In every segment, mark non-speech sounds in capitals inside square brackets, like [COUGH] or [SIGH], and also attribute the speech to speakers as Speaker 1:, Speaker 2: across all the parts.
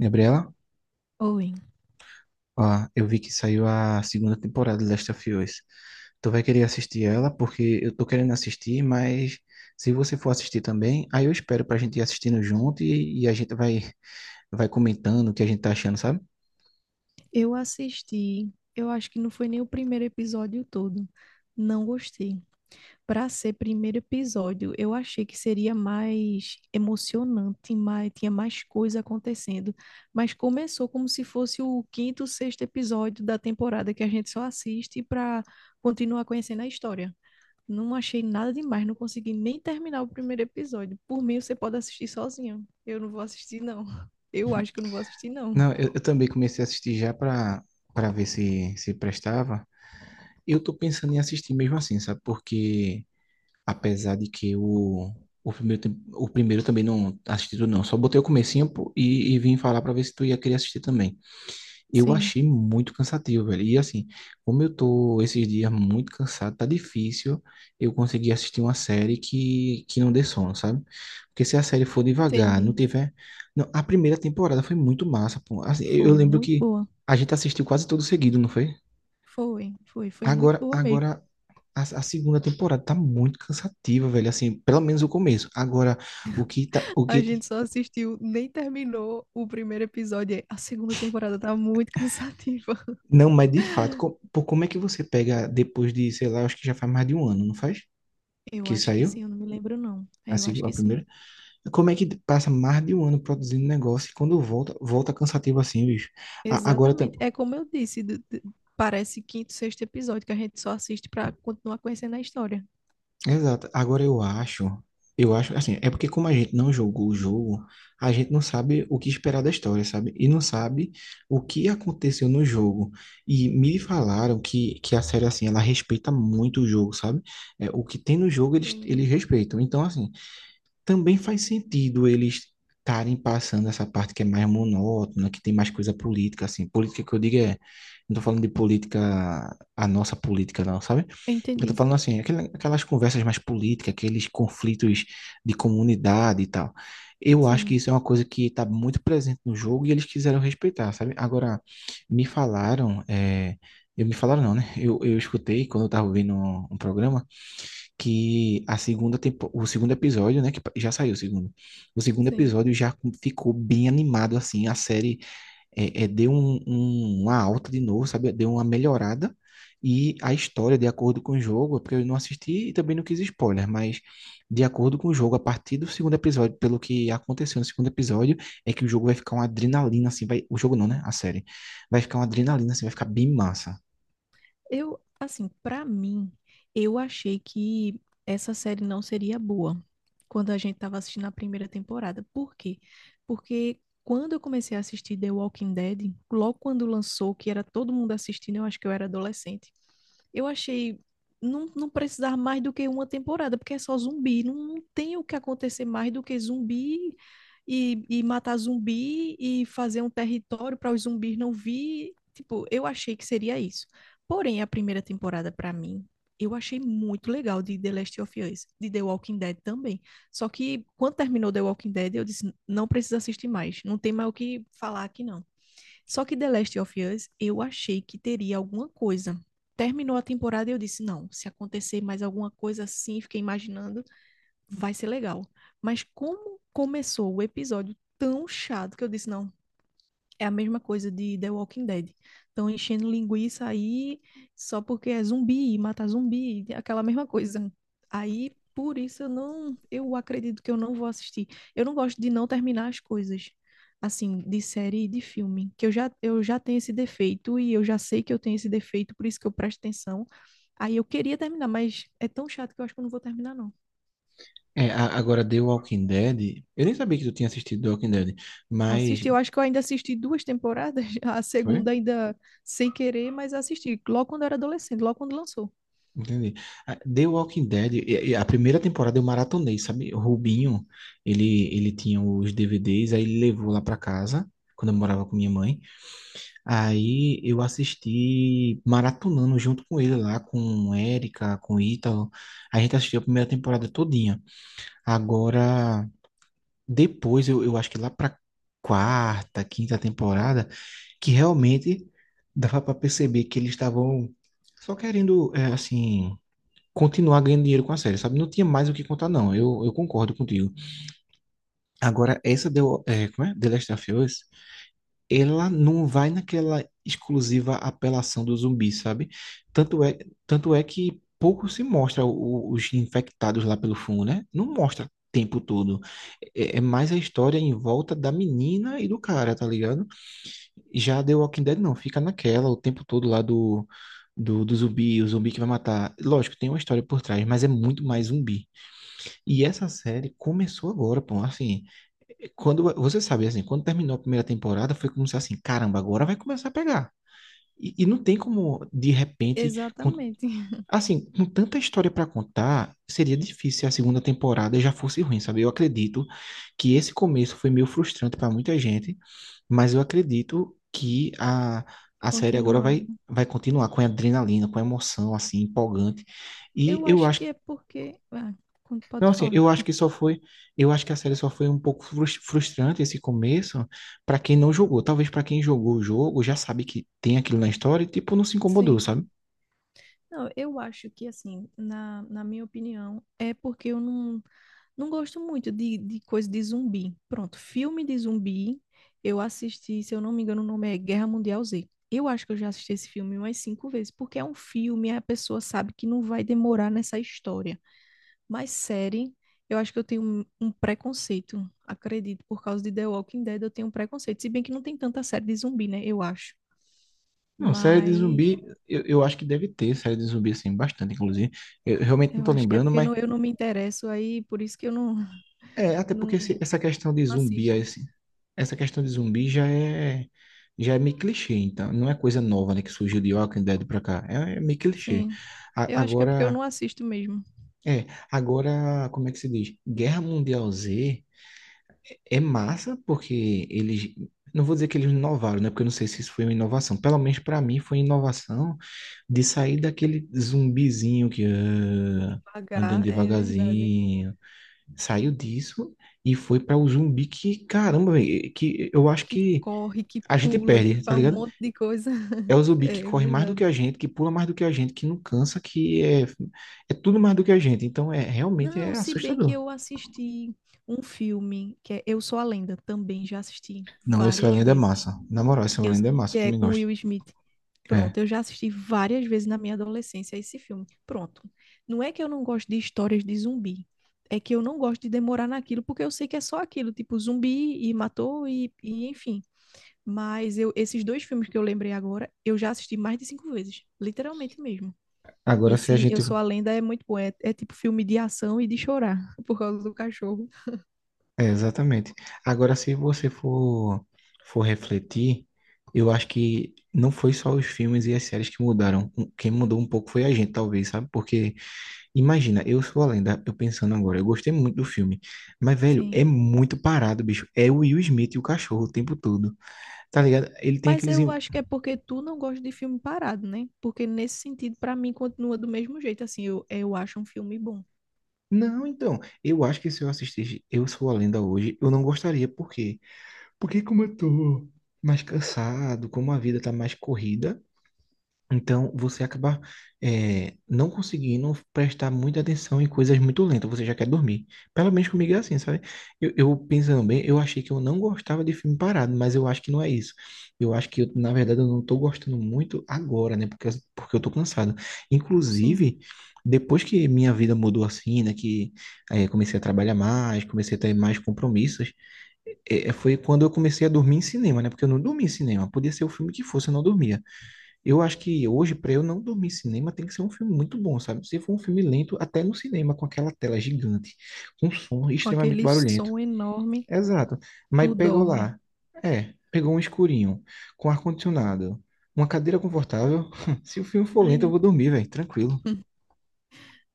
Speaker 1: Gabriela,
Speaker 2: Owen,
Speaker 1: ó, eu vi que saiu a segunda temporada de Last of Us. Tu vai querer assistir ela, porque eu tô querendo assistir, mas se você for assistir também, aí eu espero pra gente ir assistindo junto e a gente vai comentando o que a gente tá achando, sabe?
Speaker 2: eu assisti, eu acho que não foi nem o primeiro episódio todo. Não gostei. Para ser primeiro episódio, eu achei que seria mais emocionante, tinha mais coisa acontecendo. Mas começou como se fosse o quinto, sexto episódio da temporada que a gente só assiste para continuar conhecendo a história. Não achei nada demais, não consegui nem terminar o primeiro episódio. Por mim, você pode assistir sozinho. Eu não vou assistir, não. Eu acho que eu não vou assistir, não.
Speaker 1: Não, eu também comecei a assistir já pra ver se prestava. Eu tô pensando em assistir mesmo assim, sabe? Porque apesar de que o primeiro, o primeiro também não assisti tudo, não. Só botei o comecinho pô, e vim falar pra ver se tu ia querer assistir também. Eu
Speaker 2: Sim,
Speaker 1: achei muito cansativo, velho. E assim, como eu tô esses dias muito cansado, tá difícil eu conseguir assistir uma série que não dê sono, sabe? Porque se a série for devagar, não
Speaker 2: entendi.
Speaker 1: tiver. Não, a primeira temporada foi muito massa, pô. Assim, eu
Speaker 2: Foi
Speaker 1: lembro
Speaker 2: muito
Speaker 1: que
Speaker 2: boa.
Speaker 1: a gente assistiu quase todo seguido, não foi?
Speaker 2: Foi, muito
Speaker 1: Agora,
Speaker 2: boa mesmo.
Speaker 1: agora a segunda temporada tá muito cansativa, velho. Assim, pelo menos o começo. Agora, o que tá, o que
Speaker 2: A gente só assistiu, nem terminou o primeiro episódio. A segunda temporada tá muito [LAUGHS] cansativa.
Speaker 1: não, mas de fato, pô, como é que você pega depois de, sei lá, acho que já faz mais de um ano, não faz?
Speaker 2: Eu
Speaker 1: Que
Speaker 2: acho que sim,
Speaker 1: saiu
Speaker 2: eu não me lembro não.
Speaker 1: a,
Speaker 2: É, eu acho
Speaker 1: a
Speaker 2: que sim.
Speaker 1: primeira. Como é que passa mais de um ano produzindo negócio e quando volta, volta cansativo assim, bicho? A- agora, tam-
Speaker 2: Exatamente. É como eu disse, parece quinto, sexto episódio que a gente só assiste pra continuar conhecendo a história.
Speaker 1: Exato. Eu acho assim, é porque como a gente não jogou o jogo, a gente não sabe o que esperar da história, sabe? E não sabe o que aconteceu no jogo. E me falaram que a série, assim, ela respeita muito o jogo, sabe? É, o que tem no jogo, eles
Speaker 2: Entendi.
Speaker 1: respeitam. Então, assim, também faz sentido eles estarem passando essa parte que é mais monótona, que tem mais coisa política, assim. Política que eu digo é, não tô falando de política, a nossa política, não, sabe? Eu tô
Speaker 2: Entendi.
Speaker 1: falando assim, aquelas conversas mais políticas, aqueles conflitos de comunidade e tal. Eu acho que
Speaker 2: Sim,
Speaker 1: isso é uma coisa que está muito presente no jogo e eles quiseram respeitar, sabe? Agora, me falaram, é, eu me falaram não, né? Eu escutei quando eu tava ouvindo um programa que a segunda tempo, o segundo episódio, né? Que já saiu o segundo. O segundo
Speaker 2: sim.
Speaker 1: episódio já ficou bem animado, assim, a série deu uma alta de novo, sabe? Deu uma melhorada. E a história, de acordo com o jogo, é porque eu não assisti e também não quis spoiler, mas de acordo com o jogo, a partir do segundo episódio, pelo que aconteceu no segundo episódio, é que o jogo vai ficar uma adrenalina, assim, vai, o jogo não, né? A série. Vai ficar uma adrenalina, assim, vai ficar bem massa.
Speaker 2: Pra mim, eu achei que essa série não seria boa quando a gente tava assistindo a primeira temporada. Por quê? Porque quando eu comecei a assistir The Walking Dead, logo quando lançou, que era todo mundo assistindo, eu acho que eu era adolescente eu achei não precisar mais do que uma temporada, porque é só zumbi. Não, não tem o que acontecer mais do que zumbi e matar zumbi e fazer um território para os zumbis não vir. Tipo, eu achei que seria isso. Porém, a primeira temporada, para mim, eu achei muito legal de The Last of Us, de The Walking Dead também. Só que quando terminou The Walking Dead, eu disse, não precisa assistir mais. Não tem mais o que falar aqui, não. Só que The Last of Us, eu achei que teria alguma coisa. Terminou a temporada e eu disse, não, se acontecer mais alguma coisa assim, fiquei imaginando, vai ser legal. Mas como começou o episódio tão chato que eu disse, não, é a mesma coisa de The Walking Dead. Estão enchendo linguiça aí só porque é zumbi, mata zumbi, aquela mesma coisa. Aí, por isso, eu acredito que eu não vou assistir. Eu não gosto de não terminar as coisas, assim, de série e de filme, que eu já tenho esse defeito e eu já sei que eu tenho esse defeito, por isso que eu presto atenção. Aí eu queria terminar, mas é tão chato que eu acho que eu não vou terminar, não.
Speaker 1: É, agora The Walking Dead, eu nem sabia que tu tinha assistido The Walking Dead, mas...
Speaker 2: Assisti, eu acho que eu ainda assisti duas temporadas, [LAUGHS] a
Speaker 1: Foi?
Speaker 2: segunda ainda sem querer, mas assisti logo quando eu era adolescente, logo quando lançou.
Speaker 1: Entendi. Ah, The Walking Dead, e a primeira temporada eu maratonei, sabe? O Rubinho, ele tinha os DVDs, aí ele levou lá pra casa, quando eu morava com minha mãe. Aí eu assisti maratonando junto com ele lá, com Érica, com Ítalo. A gente assistiu a primeira temporada todinha. Agora, depois, eu acho que lá pra quarta, quinta temporada, que realmente dava pra perceber que eles estavam só querendo, é, assim continuar ganhando dinheiro com a série, sabe? Não tinha mais o que contar, não. Eu concordo contigo. Agora, essa deu, é, como é? The Last of Us, ela não vai naquela exclusiva apelação do zumbi, sabe? Tanto é, tanto é que pouco se mostra os infectados lá pelo fungo, né? Não mostra o tempo todo. É, é mais a história em volta da menina e do cara, tá ligado? Já The Walking Dead não, fica naquela o tempo todo lá do, do zumbi, o zumbi que vai matar. Lógico, tem uma história por trás, mas é muito mais zumbi. E essa série começou agora, pô. Assim, quando você sabe, assim, quando terminou a primeira temporada, foi como se assim, caramba, agora vai começar a pegar. E não tem como, de repente, com-
Speaker 2: Exatamente. [LAUGHS]
Speaker 1: assim, com tanta história para contar, seria difícil se a segunda temporada já fosse ruim, sabe? Eu acredito que esse começo foi meio frustrante para muita gente, mas eu acredito que a série agora
Speaker 2: Continuar.
Speaker 1: vai continuar com adrenalina, com emoção, assim, empolgante. E
Speaker 2: Eu
Speaker 1: eu
Speaker 2: acho
Speaker 1: acho
Speaker 2: que é porque. Ah,
Speaker 1: não,
Speaker 2: pode
Speaker 1: assim, eu
Speaker 2: falar.
Speaker 1: acho que só foi, eu acho que a série só foi um pouco frustrante esse começo pra quem não jogou. Talvez pra quem jogou o jogo já sabe que tem aquilo na história e tipo não se incomodou,
Speaker 2: Sim.
Speaker 1: sabe?
Speaker 2: Não, eu acho que, assim, na minha opinião, é porque eu não, não gosto muito de coisa de zumbi. Pronto, filme de zumbi, eu assisti, se eu não me engano, o nome é Guerra Mundial Z. Eu acho que eu já assisti esse filme umas cinco vezes, porque é um filme, a pessoa sabe que não vai demorar nessa história. Mas série, eu acho que eu tenho um preconceito, acredito, por causa de The Walking Dead, eu tenho um preconceito. Se bem que não tem tanta série de zumbi, né? Eu acho.
Speaker 1: Não, série de
Speaker 2: Mas
Speaker 1: zumbi, eu acho que deve ter série de zumbi assim bastante, inclusive. Eu realmente não
Speaker 2: eu
Speaker 1: tô
Speaker 2: acho que é
Speaker 1: lembrando,
Speaker 2: porque
Speaker 1: mas
Speaker 2: não, eu não me interesso aí, por isso que eu não, [LAUGHS]
Speaker 1: é até porque essa questão de
Speaker 2: não
Speaker 1: zumbi
Speaker 2: assisto.
Speaker 1: aí, assim, essa questão de zumbi já é meio clichê, então não é coisa nova, né, que surgiu de Walking Dead pra cá. É, é meio clichê.
Speaker 2: Sim, eu
Speaker 1: A-
Speaker 2: acho que é porque eu
Speaker 1: agora
Speaker 2: não assisto mesmo.
Speaker 1: É, agora, como é que se diz? Guerra Mundial Z é massa porque eles, não vou dizer que eles inovaram, né? Porque eu não sei se isso foi uma inovação. Pelo menos para mim foi inovação de sair daquele zumbizinho que
Speaker 2: De
Speaker 1: ah, andando
Speaker 2: pagar, é verdade.
Speaker 1: devagarzinho. Saiu disso e foi para o zumbi que, caramba, véi, que eu acho
Speaker 2: Que
Speaker 1: que
Speaker 2: corre, que
Speaker 1: a gente
Speaker 2: pula, que
Speaker 1: perde, tá
Speaker 2: faz um
Speaker 1: ligado?
Speaker 2: monte de coisa.
Speaker 1: É
Speaker 2: [LAUGHS]
Speaker 1: o zumbi que
Speaker 2: É
Speaker 1: corre mais do
Speaker 2: verdade.
Speaker 1: que a gente, que pula mais do que a gente, que não cansa, é tudo mais do que a gente. Então, é realmente
Speaker 2: Não,
Speaker 1: é
Speaker 2: se bem que
Speaker 1: assustador.
Speaker 2: eu assisti um filme que é Eu Sou a Lenda, também já assisti
Speaker 1: Não, esse
Speaker 2: várias
Speaker 1: Belém é
Speaker 2: vezes.
Speaker 1: massa. Na moral, esse
Speaker 2: Eu,
Speaker 1: Belém é massa,
Speaker 2: que
Speaker 1: eu
Speaker 2: é
Speaker 1: também
Speaker 2: com
Speaker 1: gosto.
Speaker 2: Will Smith.
Speaker 1: É.
Speaker 2: Pronto, eu já assisti várias vezes na minha adolescência esse filme. Pronto. Não é que eu não gosto de histórias de zumbi. É que eu não gosto de demorar naquilo, porque eu sei que é só aquilo, tipo zumbi e matou e enfim. Mas eu, esses dois filmes que eu lembrei agora, eu já assisti mais de cinco vezes. Literalmente mesmo.
Speaker 1: Agora se a
Speaker 2: Esse
Speaker 1: gente.
Speaker 2: Eu Sou a Lenda é muito bom. É tipo filme de ação e de chorar [LAUGHS] por causa do cachorro.
Speaker 1: É, exatamente. Agora se você for, for refletir, eu acho que não foi só os filmes e as séries que mudaram. Quem mudou um pouco foi a gente, talvez, sabe? Porque, imagina, eu sou a lenda, eu pensando agora, eu gostei muito do filme. Mas, velho,
Speaker 2: Sim.
Speaker 1: é muito parado, bicho. É o Will Smith e o cachorro o tempo todo. Tá ligado? Ele tem
Speaker 2: Mas
Speaker 1: aqueles.
Speaker 2: eu acho que é porque tu não gosta de filme parado, né? Porque nesse sentido, pra mim, continua do mesmo jeito. Assim, eu acho um filme bom.
Speaker 1: Não, então, eu acho que se eu assistisse Eu Sou a Lenda hoje, eu não gostaria, porque como eu tô mais cansado, como a vida tá mais corrida, então você acaba não conseguindo prestar muita atenção em coisas muito lentas, você já quer dormir. Pelo menos comigo é assim, sabe? Eu pensando bem, eu achei que eu não gostava de filme parado, mas eu acho que não é isso. Eu acho que, eu, na verdade, eu não tô gostando muito agora, né? Porque eu tô cansado.
Speaker 2: Sim.
Speaker 1: Inclusive, depois que minha vida mudou assim, né? Que comecei a trabalhar mais, comecei a ter mais compromissos, foi quando eu comecei a dormir em cinema, né? Porque eu não dormia em cinema. Podia ser o filme que fosse, eu não dormia. Eu acho que hoje, para eu não dormir em cinema, tem que ser um filme muito bom, sabe? Se for um filme lento, até no cinema, com aquela tela gigante, com um som
Speaker 2: Com
Speaker 1: extremamente
Speaker 2: aquele
Speaker 1: barulhento.
Speaker 2: som enorme,
Speaker 1: Exato. Mas
Speaker 2: tu
Speaker 1: pegou
Speaker 2: dorme.
Speaker 1: lá. É, pegou um escurinho, com ar-condicionado, uma cadeira confortável. [LAUGHS] Se o filme for
Speaker 2: Ai,
Speaker 1: lento, eu vou dormir, velho, tranquilo.
Speaker 2: [LAUGHS]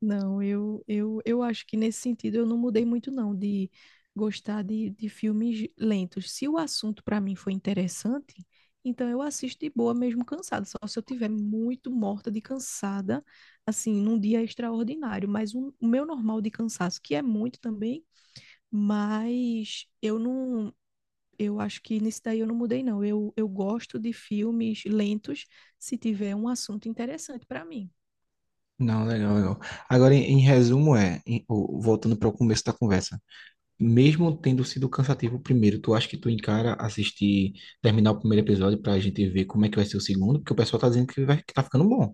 Speaker 2: não, eu acho que nesse sentido eu não mudei muito, não, de gostar de filmes lentos. Se o assunto pra mim foi interessante, então eu assisto de boa, mesmo cansada. Só se eu tiver muito morta de cansada, assim, num dia extraordinário. Mas o meu normal de cansaço, que é muito também. Mas eu não, eu acho que nisso daí eu não mudei, não. Eu gosto de filmes lentos se tiver um assunto interessante para mim.
Speaker 1: Não, legal, legal. Agora, em, em resumo, é, em- o- voltando para o começo da conversa. Mesmo tendo sido cansativo o primeiro, tu acha que tu encara assistir, terminar o primeiro episódio pra gente ver como é que vai ser o segundo? Porque o pessoal tá dizendo que, vai, que tá ficando bom.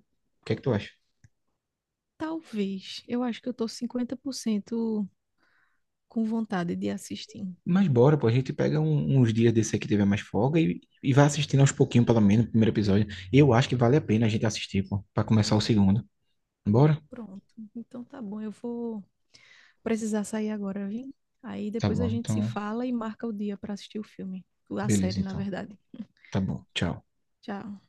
Speaker 1: O que é que tu acha?
Speaker 2: Talvez. Eu acho que eu tô 50% com vontade de assistir.
Speaker 1: Mas bora, pô, a gente pega uns dias desse aí que tiver mais folga e vai assistindo aos pouquinhos, pelo menos, o primeiro episódio. Eu acho que vale a pena a gente assistir, pô, pra começar o segundo. Bora?
Speaker 2: Pronto. Então tá bom, eu vou precisar sair agora, viu? Aí
Speaker 1: Tá
Speaker 2: depois a
Speaker 1: bom,
Speaker 2: gente se
Speaker 1: então,
Speaker 2: fala e marca o dia para assistir o filme, a
Speaker 1: beleza,
Speaker 2: série, na
Speaker 1: então.
Speaker 2: verdade.
Speaker 1: Tá bom, tchau.
Speaker 2: Tchau.